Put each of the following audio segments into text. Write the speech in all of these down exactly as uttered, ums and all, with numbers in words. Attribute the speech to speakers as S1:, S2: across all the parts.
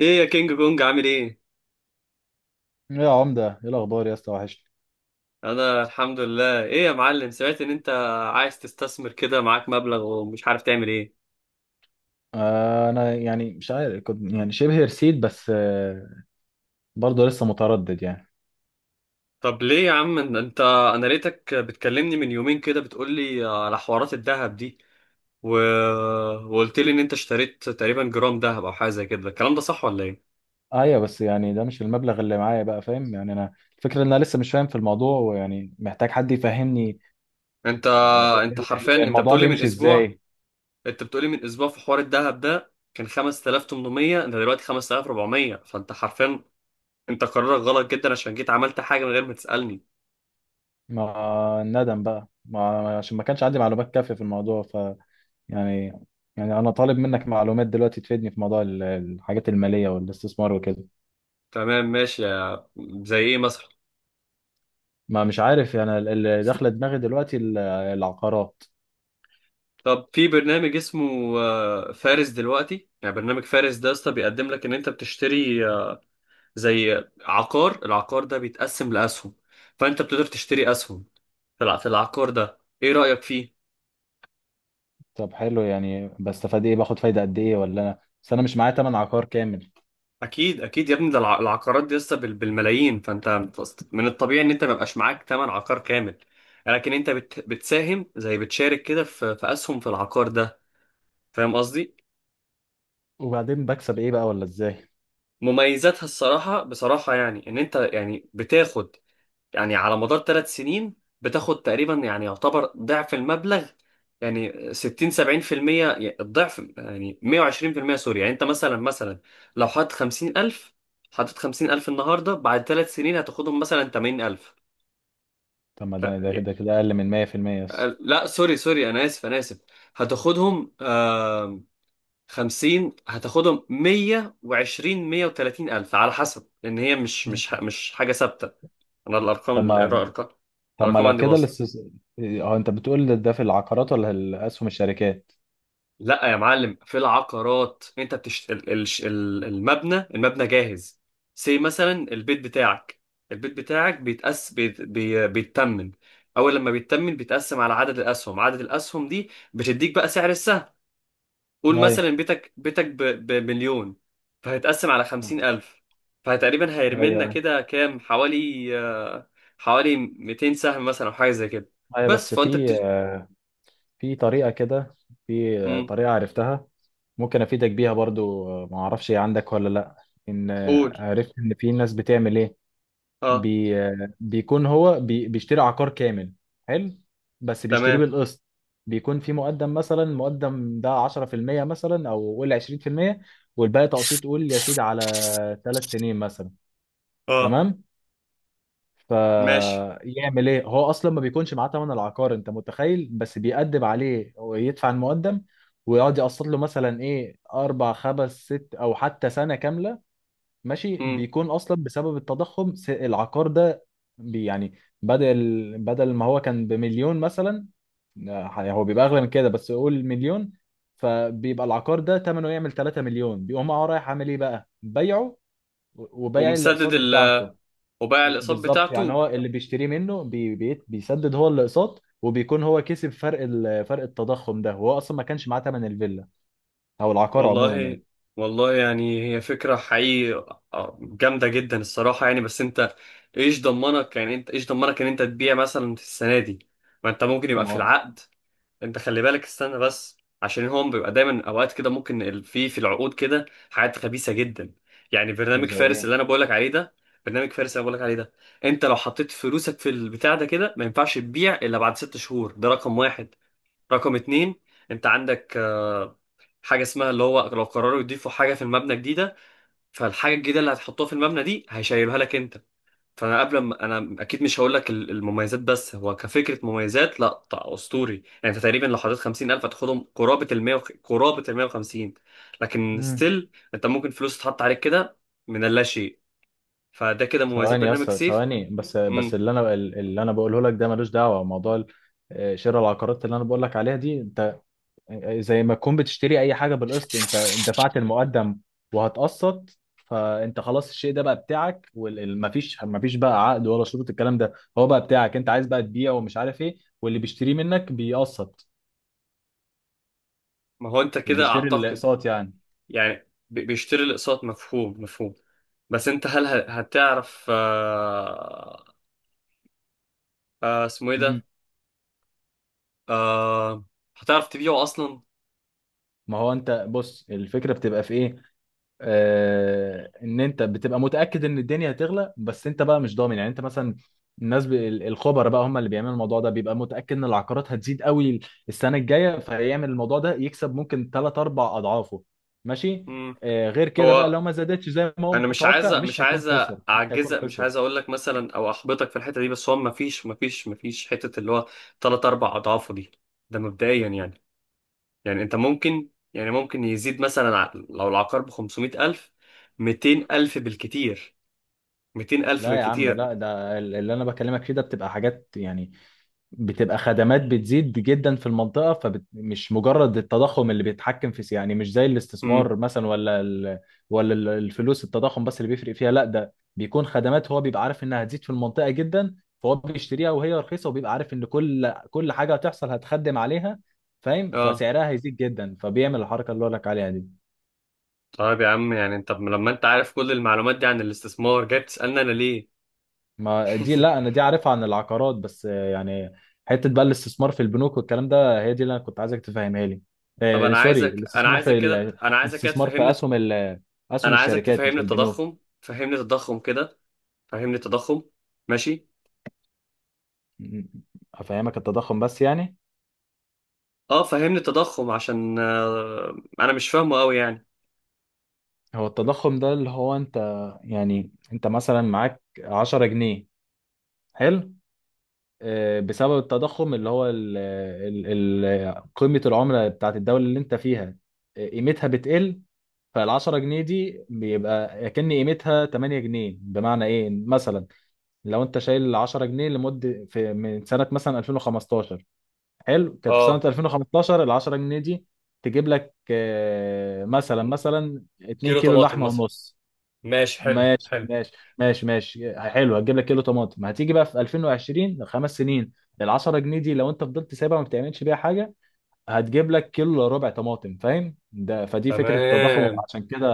S1: ايه يا كينج كونج؟ عامل ايه؟
S2: يا عمدة، ايه الأخبار يا اسطى؟ وحشني.
S1: انا الحمد لله. ايه يا معلم، سمعت ان انت عايز تستثمر كده، معاك مبلغ ومش عارف تعمل ايه.
S2: آه أنا يعني مش عارف، كنت يعني شبه رسيت، بس آه برضه لسه متردد يعني.
S1: طب ليه يا عم؟ إن انت انا لقيتك بتكلمني من يومين كده بتقول لي على حوارات الذهب دي و... وقلت لي ان انت اشتريت تقريبا جرام ذهب او حاجه زي كده. الكلام ده صح ولا ايه؟
S2: أيوة، بس يعني ده مش المبلغ اللي معايا، بقى فاهم يعني؟ أنا الفكرة إن أنا لسه مش فاهم في الموضوع، ويعني محتاج حد يفهمني.
S1: انت
S2: آه، ال-
S1: انت حرفيا
S2: ال-
S1: انت
S2: الموضوع
S1: بتقول لي من
S2: بيمشي
S1: اسبوع
S2: إزاي؟
S1: انت بتقول لي من اسبوع في حوار الذهب ده كان خمستالاف وتمنمية، انت دلوقتي خمسة آلاف واربعميه. فانت حرفيا انت قرارك غلط جدا عشان جيت عملت حاجه من غير ما تسألني.
S2: ما الندم بقى، ما عشان ما كانش عندي معلومات كافية في الموضوع، ف يعني يعني أنا طالب منك معلومات دلوقتي تفيدني في موضوع ال- الحاجات المالية والاستثمار وكده.
S1: تمام ماشي. يا- زي ايه مثلا؟
S2: ما مش عارف يعني ال- اللي داخله دماغي دلوقتي ال- العقارات.
S1: طب في برنامج اسمه آه، فارس. دلوقتي يعني برنامج فارس ده يا اسطى بيقدم لك ان انت بتشتري آه، زي عقار العقار ده، بيتقسم لاسهم، فانت بتقدر تشتري اسهم في الع- في العقار ده. ايه رايك فيه؟
S2: طب حلو، يعني بستفاد ايه؟ باخد فايده قد ايه؟ ولا انا بس انا مش معايا تمن عقار كامل.
S1: اكيد اكيد يا ابني، ده الع- العقارات دي لسه بال- بالملايين. فانت من الطبيعي ان انت ما يبقاش معاك ثمن عقار كامل. لكن انت بت... بتساهم، زي بتشارك كده في... في اسهم في العقار ده. فاهم قصدي؟
S2: وبعدين بكسب ايه بقى، ولا ازاي؟
S1: مميزاتها الصراحة بصراحة، يعني إن أنت يعني بتاخد، يعني على مدار ثلاث سنين بتاخد تقريبا، يعني يعتبر ضعف المبلغ، يعني ستين سبعين بالمية. يعني الضعف، يعني ميه وعشرين بالمية، سوري. يعني أنت مثلا مثلا لو حاطط خمسين الف حاطط خمسين الف النهاردة، بعد ثلاث سنين هتاخدهم مثلا تمانين الف.
S2: طب ما
S1: ف-
S2: ده ده ده كده اقل من ميه في الميه بس.
S1: لا سوري سوري، أنا آسف أنا آسف. هتاخدهم خمسين هتاخدهم ميه وعشرين ميه وتلاتين الف على حسب، لان هي مش مش ح- مش حاجه ثابته. انا الارقام
S2: طب ما
S1: الارقام
S2: طب ما
S1: الارقام
S2: لو
S1: عندي
S2: كده
S1: باظت.
S2: الاستس... اه، انت بتقول ده في العقارات ولا الاسهم الشركات؟
S1: لا يا معلم، في العقارات انت بتشت... ال- ال- ال- المبنى المبنى جاهز. سي مثلا، البيت بتاعك، البيت بتاعك بيتقس بيت... بي... بيتمن. اول لما بيتمن بيتقسم على عدد الاسهم. عدد الاسهم دي بتديك بقى سعر السهم. قول
S2: ايوه،
S1: مثلا بيتك بيتك ب- بمليون، فهيتقسم على خمسين ألف. فتقريبا هيرملنا
S2: ايوه،
S1: كده كام؟ حوالي آه، حوالي ميتين سهم مثلا أو حاجة زي كده.
S2: ايوه،
S1: بس
S2: بس
S1: فأنت
S2: في
S1: بتش...
S2: في طريقه كده. في
S1: مم.
S2: طريقه عرفتها، ممكن افيدك بيها برضو. آه، ما اعرفش هي عندك ولا لا. ان
S1: قول.
S2: آه، عرفت ان في ناس بتعمل ايه.
S1: اه.
S2: بي آه، بيكون هو بي بيشتري عقار كامل. حلو، بس بيشتريه
S1: تمام.
S2: بالقسط. بيكون في مقدم، مثلا المقدم ده عشرة في المية، مثلا او قول عشرين في المية، والباقي تقسيط، قول يا سيدي على ثلاث سنين مثلا.
S1: اه
S2: تمام،
S1: ماشي.
S2: فيعمل ايه؟ هو اصلا ما بيكونش معاه تمن العقار، انت متخيل؟ بس بيأدب عليه ويدفع المقدم، ويقعد يقسط له مثلا ايه، اربع خمس ست او حتى سنه كامله. ماشي،
S1: مم.
S2: بيكون اصلا بسبب التضخم س- العقار ده بي- يعني بدل بدل ما هو كان بمليون مثلا، آه، هو بيبقى اغلى من كده، بس قول مليون. فبيبقى العقار ده ثمنه يعمل 3 مليون، بيقوم هو رايح عامل ايه بقى؟ بيعه وبيع
S1: ومسدد
S2: الاقساط
S1: ال
S2: بتاعته.
S1: وباع الأقساط
S2: بالظبط، يعني
S1: بتاعته.
S2: هو اللي بيشتريه منه بي بي بيسدد هو الاقساط، وبيكون هو كسب فرق ال- فرق التضخم ده، وهو اصلا ما كانش معاه ثمن الفيلا او العقار عموما
S1: والله
S2: يعني.
S1: والله، يعني هي فكرة حقيقي آه، جامدة جدا الصراحة يعني. بس انت ايش ضمنك، يعني انت ايش ضمنك ان انت تبيع مثلا في السنة دي؟ ما انت ممكن يبقى
S2: ما
S1: في
S2: هو
S1: العقد، انت خلي بالك. استنى بس، عشان هم بيبقى دايما اوقات كده ممكن ال- في في العقود كده حاجات خبيثه جدا. يعني برنامج
S2: زي
S1: فارس
S2: ايه.
S1: اللي انا بقولك عليه ده برنامج فارس اللي انا بقولك عليه ده، انت لو حطيت فلوسك في البتاع ده كده ما ينفعش تبيع الا بعد ست شهور. ده رقم واحد. رقم اتنين، انت عندك آه، حاجه اسمها اللي هو لو قرروا يضيفوا حاجه في المبنى جديده، فالحاجه الجديده اللي هتحطوها في المبنى دي هيشيلوها لك انت. فانا قبل ما انا اكيد مش هقول لك ال- المميزات، بس هو كفكره مميزات لا طبعا اسطوري. يعني انت تقريبا لو حطيت خمسين الف هتاخدهم قرابه ال ميه، قرابه ال ميه وخمسين. لكن
S2: مم.
S1: ستيل انت ممكن فلوس تتحط عليك كده من اللا شيء. فده كده مميزات
S2: ثواني يا
S1: برنامج
S2: اسطى،
S1: سيف.
S2: ثواني، بس بس
S1: امم
S2: اللي انا اللي انا بقوله لك ده ملوش دعوه. موضوع ال- شراء العقارات اللي انا بقول لك عليها دي، انت زي ما تكون بتشتري اي حاجه بالقسط، انت دفعت المقدم وهتقسط. فانت خلاص، الشيء ده بقى بتاعك، ومفيش مفيش بقى عقد ولا شروط الكلام ده. هو بقى بتاعك، انت عايز بقى تبيعه ومش عارف ايه، واللي بيشتريه منك بيقسط،
S1: ما هو انت كده
S2: وبيشتري
S1: اعتقد.
S2: الاقساط يعني.
S1: يعني ب- بيشتري الاقساط. مفهوم مفهوم. بس انت هل ه- هتعرف آه آه اسمه ايه
S2: مم.
S1: ده؟ آه هتعرف تبيعه اصلا؟
S2: ما هو انت بص، الفكره بتبقى في ايه؟ آه، ان انت بتبقى متاكد ان الدنيا هتغلى، بس انت بقى مش ضامن يعني، انت مثلا الناس ب... ال- الخبراء بقى هم اللي بيعملوا الموضوع ده، بيبقى متاكد ان العقارات هتزيد قوي السنه الجايه، فيعمل الموضوع ده يكسب ممكن تلاتة اربعة اضعافه. ماشي.
S1: امم
S2: آه، غير كده بقى،
S1: هو
S2: لو ما زادتش زي ما هو
S1: انا مش عايز
S2: متوقع،
S1: مش
S2: مش هيكون
S1: عايز
S2: خسر، مش هيكون
S1: اعجزك، مش
S2: خسر.
S1: عايز اقول لك مثلا او احبطك في الحته دي. بس هو ما فيش ما فيش ما فيش حته اللي هو ثلاث اربع اضعافه دي. ده مبدئيا يعني. يعني انت ممكن، يعني ممكن يزيد مثلا ع- لو العقار ب خمسميت الف، ميتين الف بالكتير. ميتين الف
S2: لا يا عم،
S1: بالكتير.
S2: لا، ده ال- اللي انا بكلمك فيه ده بتبقى حاجات يعني، بتبقى خدمات بتزيد جدا في المنطقة، فمش مجرد التضخم اللي بيتحكم في، يعني مش زي
S1: امم
S2: الاستثمار مثلا ولا ال... ولا ال- الفلوس، التضخم بس اللي بيفرق فيها. لا، ده بيكون خدمات، هو بيبقى عارف انها هتزيد في المنطقة جدا، فهو بيشتريها وهي رخيصة، وبيبقى عارف ان كل كل حاجة هتحصل هتخدم عليها فاهم،
S1: اه
S2: فسعرها هيزيد جدا، فبيعمل الحركة اللي هقول لك عليها دي.
S1: طيب يا عم، يعني انت لما انت عارف كل المعلومات دي عن الاستثمار، جاي بتسالني انا ليه؟
S2: ما دي، لا انا دي عارفها عن العقارات بس، آه، يعني حته بقى الاستثمار في البنوك والكلام ده، هي دي اللي انا كنت عايزك تفهمها لي.
S1: طب
S2: آه،
S1: انا
S2: سوري،
S1: عايزك انا
S2: الاستثمار
S1: عايزك
S2: في
S1: كده
S2: ال-
S1: انا عايزك كده
S2: الاستثمار في
S1: تفهمني.
S2: اسهم ال- اسهم
S1: انا عايزك
S2: الشركات مش
S1: تفهمني
S2: البنوك.
S1: التضخم. فهمني التضخم كده. فهمني التضخم. ماشي.
S2: م- افهمك التضخم بس يعني.
S1: اه فهمني التضخم عشان آه انا مش فاهمه قوي يعني.
S2: هو التضخم ده اللي هو انت يعني، انت مثلا معاك عشرة جنيه. حلو، آه، بسبب التضخم اللي هو ال ال ال قيمة العملة بتاعت الدولة اللي انت فيها، آه، قيمتها بتقل. فالعشرة جنيه دي بيبقى كأن قيمتها تمانية جنيه، بمعنى ايه مثلا؟ لو انت شايل عشرة جنيه لمدة، في من سنة مثلا ألفين وخمستاشر، حلو، كانت في سنة
S1: اه،
S2: ألفين وخمستاشر العشرة جنيه دي تجيب لك آه، مثلا مثلا 2
S1: كيلو
S2: كيلو
S1: طماطم
S2: لحمة
S1: مثلا.
S2: ونص.
S1: ماشي، حلو
S2: ماشي،
S1: حلو.
S2: ماشي، ماشي، ماشي، حلو، هتجيب لك كيلو طماطم. هتيجي بقى في ألفين وعشرين، خمس سنين، ال عشرة جنيه دي لو انت فضلت سايبها ما بتعملش بيها حاجه، هتجيب لك كيلو إلا ربع طماطم، فاهم؟ ده فدي فكره التضخم،
S1: تمام.
S2: عشان كده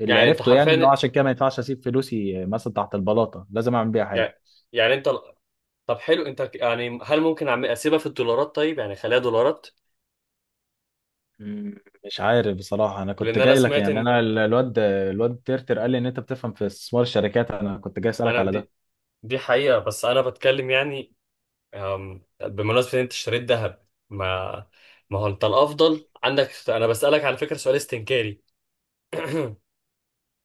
S2: اللي
S1: يعني انت
S2: عرفته يعني، ان هو
S1: حرفيا،
S2: عشان كده ما ينفعش اسيب فلوسي مثلا تحت البلاطه، لازم اعمل بيها حاجه.
S1: يعني، يعني انت، طب حلو، انت ك- يعني هل ممكن أعمل- اسيبها في الدولارات؟ طيب يعني خليها دولارات.
S2: مم، مش عارف بصراحه، انا كنت
S1: لان انا
S2: جاي لك
S1: سمعت
S2: يعني،
S1: ان،
S2: انا ال- الواد الواد ترتر قال لي ان انت بتفهم في استثمار الشركات، انا كنت جاي اسالك
S1: انا
S2: على ده.
S1: دي، دي حقيقة. بس انا بتكلم، يعني آم، بمناسبة ان انت اشتريت ذهب. ما ما هو انت الافضل عندك، انا بسألك على فكرة سؤال استنكاري.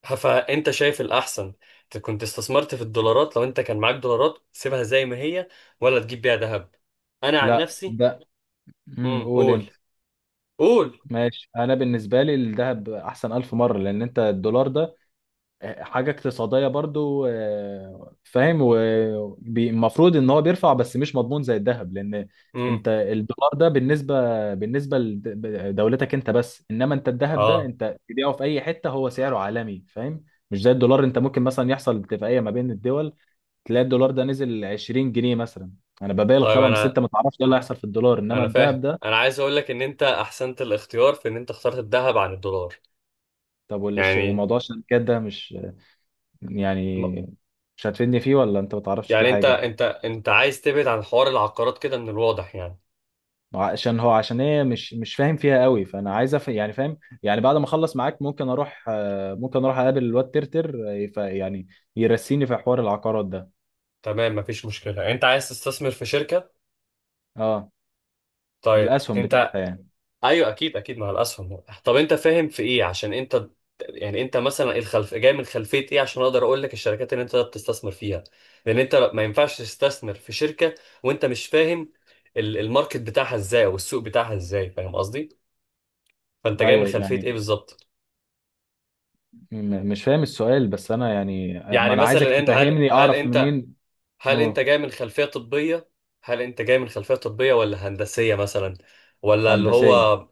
S1: فانت شايف الاحسن، ت- كنت استثمرت في الدولارات؟ لو انت كان معاك دولارات سيبها زي ما هي، ولا تجيب بيها ذهب؟ انا عن
S2: لا
S1: نفسي.
S2: ده. امم
S1: امم،
S2: قول
S1: قول.
S2: انت.
S1: قول.
S2: ماشي، انا بالنسبه لي الذهب احسن الف مره، لان انت الدولار ده آه، حاجه اقتصاديه برضو، آه، فاهم، والمفروض ان هو بيرفع بس مش مضمون زي الذهب، لان
S1: امم.
S2: انت الدولار ده بالنسبه بالنسبه لدولتك انت بس، انما انت الذهب ده
S1: اه.
S2: انت تبيعه في اي حته، هو سعره عالمي، فاهم؟ مش زي الدولار، انت ممكن مثلا يحصل اتفاقيه ما بين الدول، تلاقي الدولار ده نزل عشرين جنيه مثلا، انا ببالغ
S1: طيب
S2: طبعا، بس
S1: انا،
S2: انت ما تعرفش ايه اللي هيحصل في الدولار، انما
S1: انا فاهم.
S2: الذهب ده...
S1: انا عايز اقول لك ان انت احسنت الاختيار في ان انت اخترت الذهب عن الدولار.
S2: طب والش-
S1: يعني
S2: وموضوع الشركات ده مش يعني،
S1: م-
S2: مش هتفيدني فيه ولا انت ما تعرفش فيه
S1: يعني انت
S2: حاجه؟
S1: انت انت عايز تبعد عن حوار العقارات كده من الواضح يعني.
S2: عشان هو عشان ايه مش مش فاهم فيها قوي، فانا عايز أف... يعني فاهم يعني، بعد ما اخلص معاك ممكن اروح، آه، ممكن اروح اقابل الواد ترتر، آه، يف- يعني يرسيني في حوار العقارات ده.
S1: تمام، مفيش مشكلة. انت عايز تستثمر في شركة؟
S2: اه.
S1: طيب
S2: الاسهم
S1: انت،
S2: بتاعتها يعني.
S1: ايوه اكيد اكيد مع الاسهم. طب انت فاهم في ايه؟ عشان انت، يعني انت مثلا الخلف جاي من خلفيه ايه عشان اقدر اقول لك الشركات اللي انت بتستثمر فيها. لان انت ما ينفعش تستثمر في شركه وانت مش فاهم ال- الماركت بتاعها ازاي، والسوق بتاعها ازاي. فاهم قصدي؟ فانت جاي من
S2: ايوه
S1: خلفيه
S2: يعني،
S1: ايه بالظبط؟
S2: م- مش فاهم السؤال، بس انا يعني آه، ما
S1: يعني
S2: انا عايزك
S1: مثلا ان هل
S2: تفهمني
S1: هل
S2: اعرف
S1: انت
S2: منين.
S1: هل انت
S2: اوه.
S1: جاي من خلفيه طبيه هل انت جاي من خلفيه طبيه ولا هندسيه مثلا؟ ولا اللي
S2: هندسيه.
S1: هو.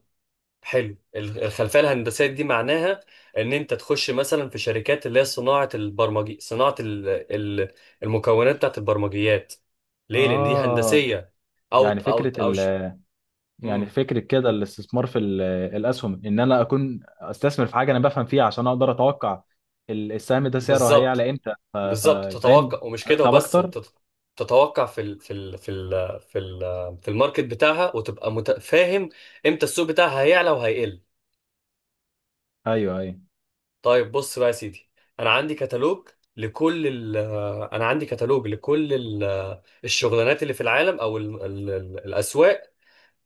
S1: حلو، ال- الخلفيه الهندسيه دي معناها ان انت تخش مثلا في شركات اللي هي صناعه البرمجي صناعه ال- ال- المكونات بتاعت البرمجيات. ليه؟ لان دي
S2: اه.
S1: هندسيه. او
S2: يعني
S1: او
S2: فكره،
S1: او ش...
S2: يعني
S1: مم.
S2: فكرة كده الاستثمار في ال- الأسهم، إن أنا أكون أستثمر في حاجة أنا بفهم فيها، عشان أقدر أتوقع ال- السهم ده سعره
S1: بالظبط.
S2: هيعلى إمتى، ف- ف-
S1: بالظبط
S2: فاهم،
S1: تتوقع، ومش كده
S2: أكسب
S1: وبس،
S2: أكتر.
S1: تت- تتوقع في ال في ال في ال في ال في الماركت بتاعها، وتبقى مت- فاهم امتى السوق بتاعها هيعلى وهيقل.
S2: أيوه، أيوه.
S1: طيب بص بقى يا سيدي، انا عندي كتالوج لكل ال انا عندي كتالوج لكل ال الشغلانات اللي في العالم، او ال ال ال الاسواق،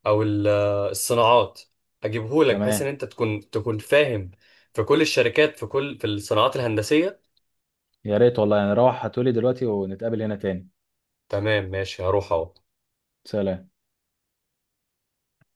S1: او ال الصناعات. هجيبهولك بحيث ان
S2: تمام.
S1: انت تكون تكون فاهم في كل الشركات، في كل في الصناعات الهندسية.
S2: يا ريت والله، يعني روح هاتولي دلوقتي ونتقابل هنا تاني.
S1: تمام ماشي، هروح اهو.
S2: سلام.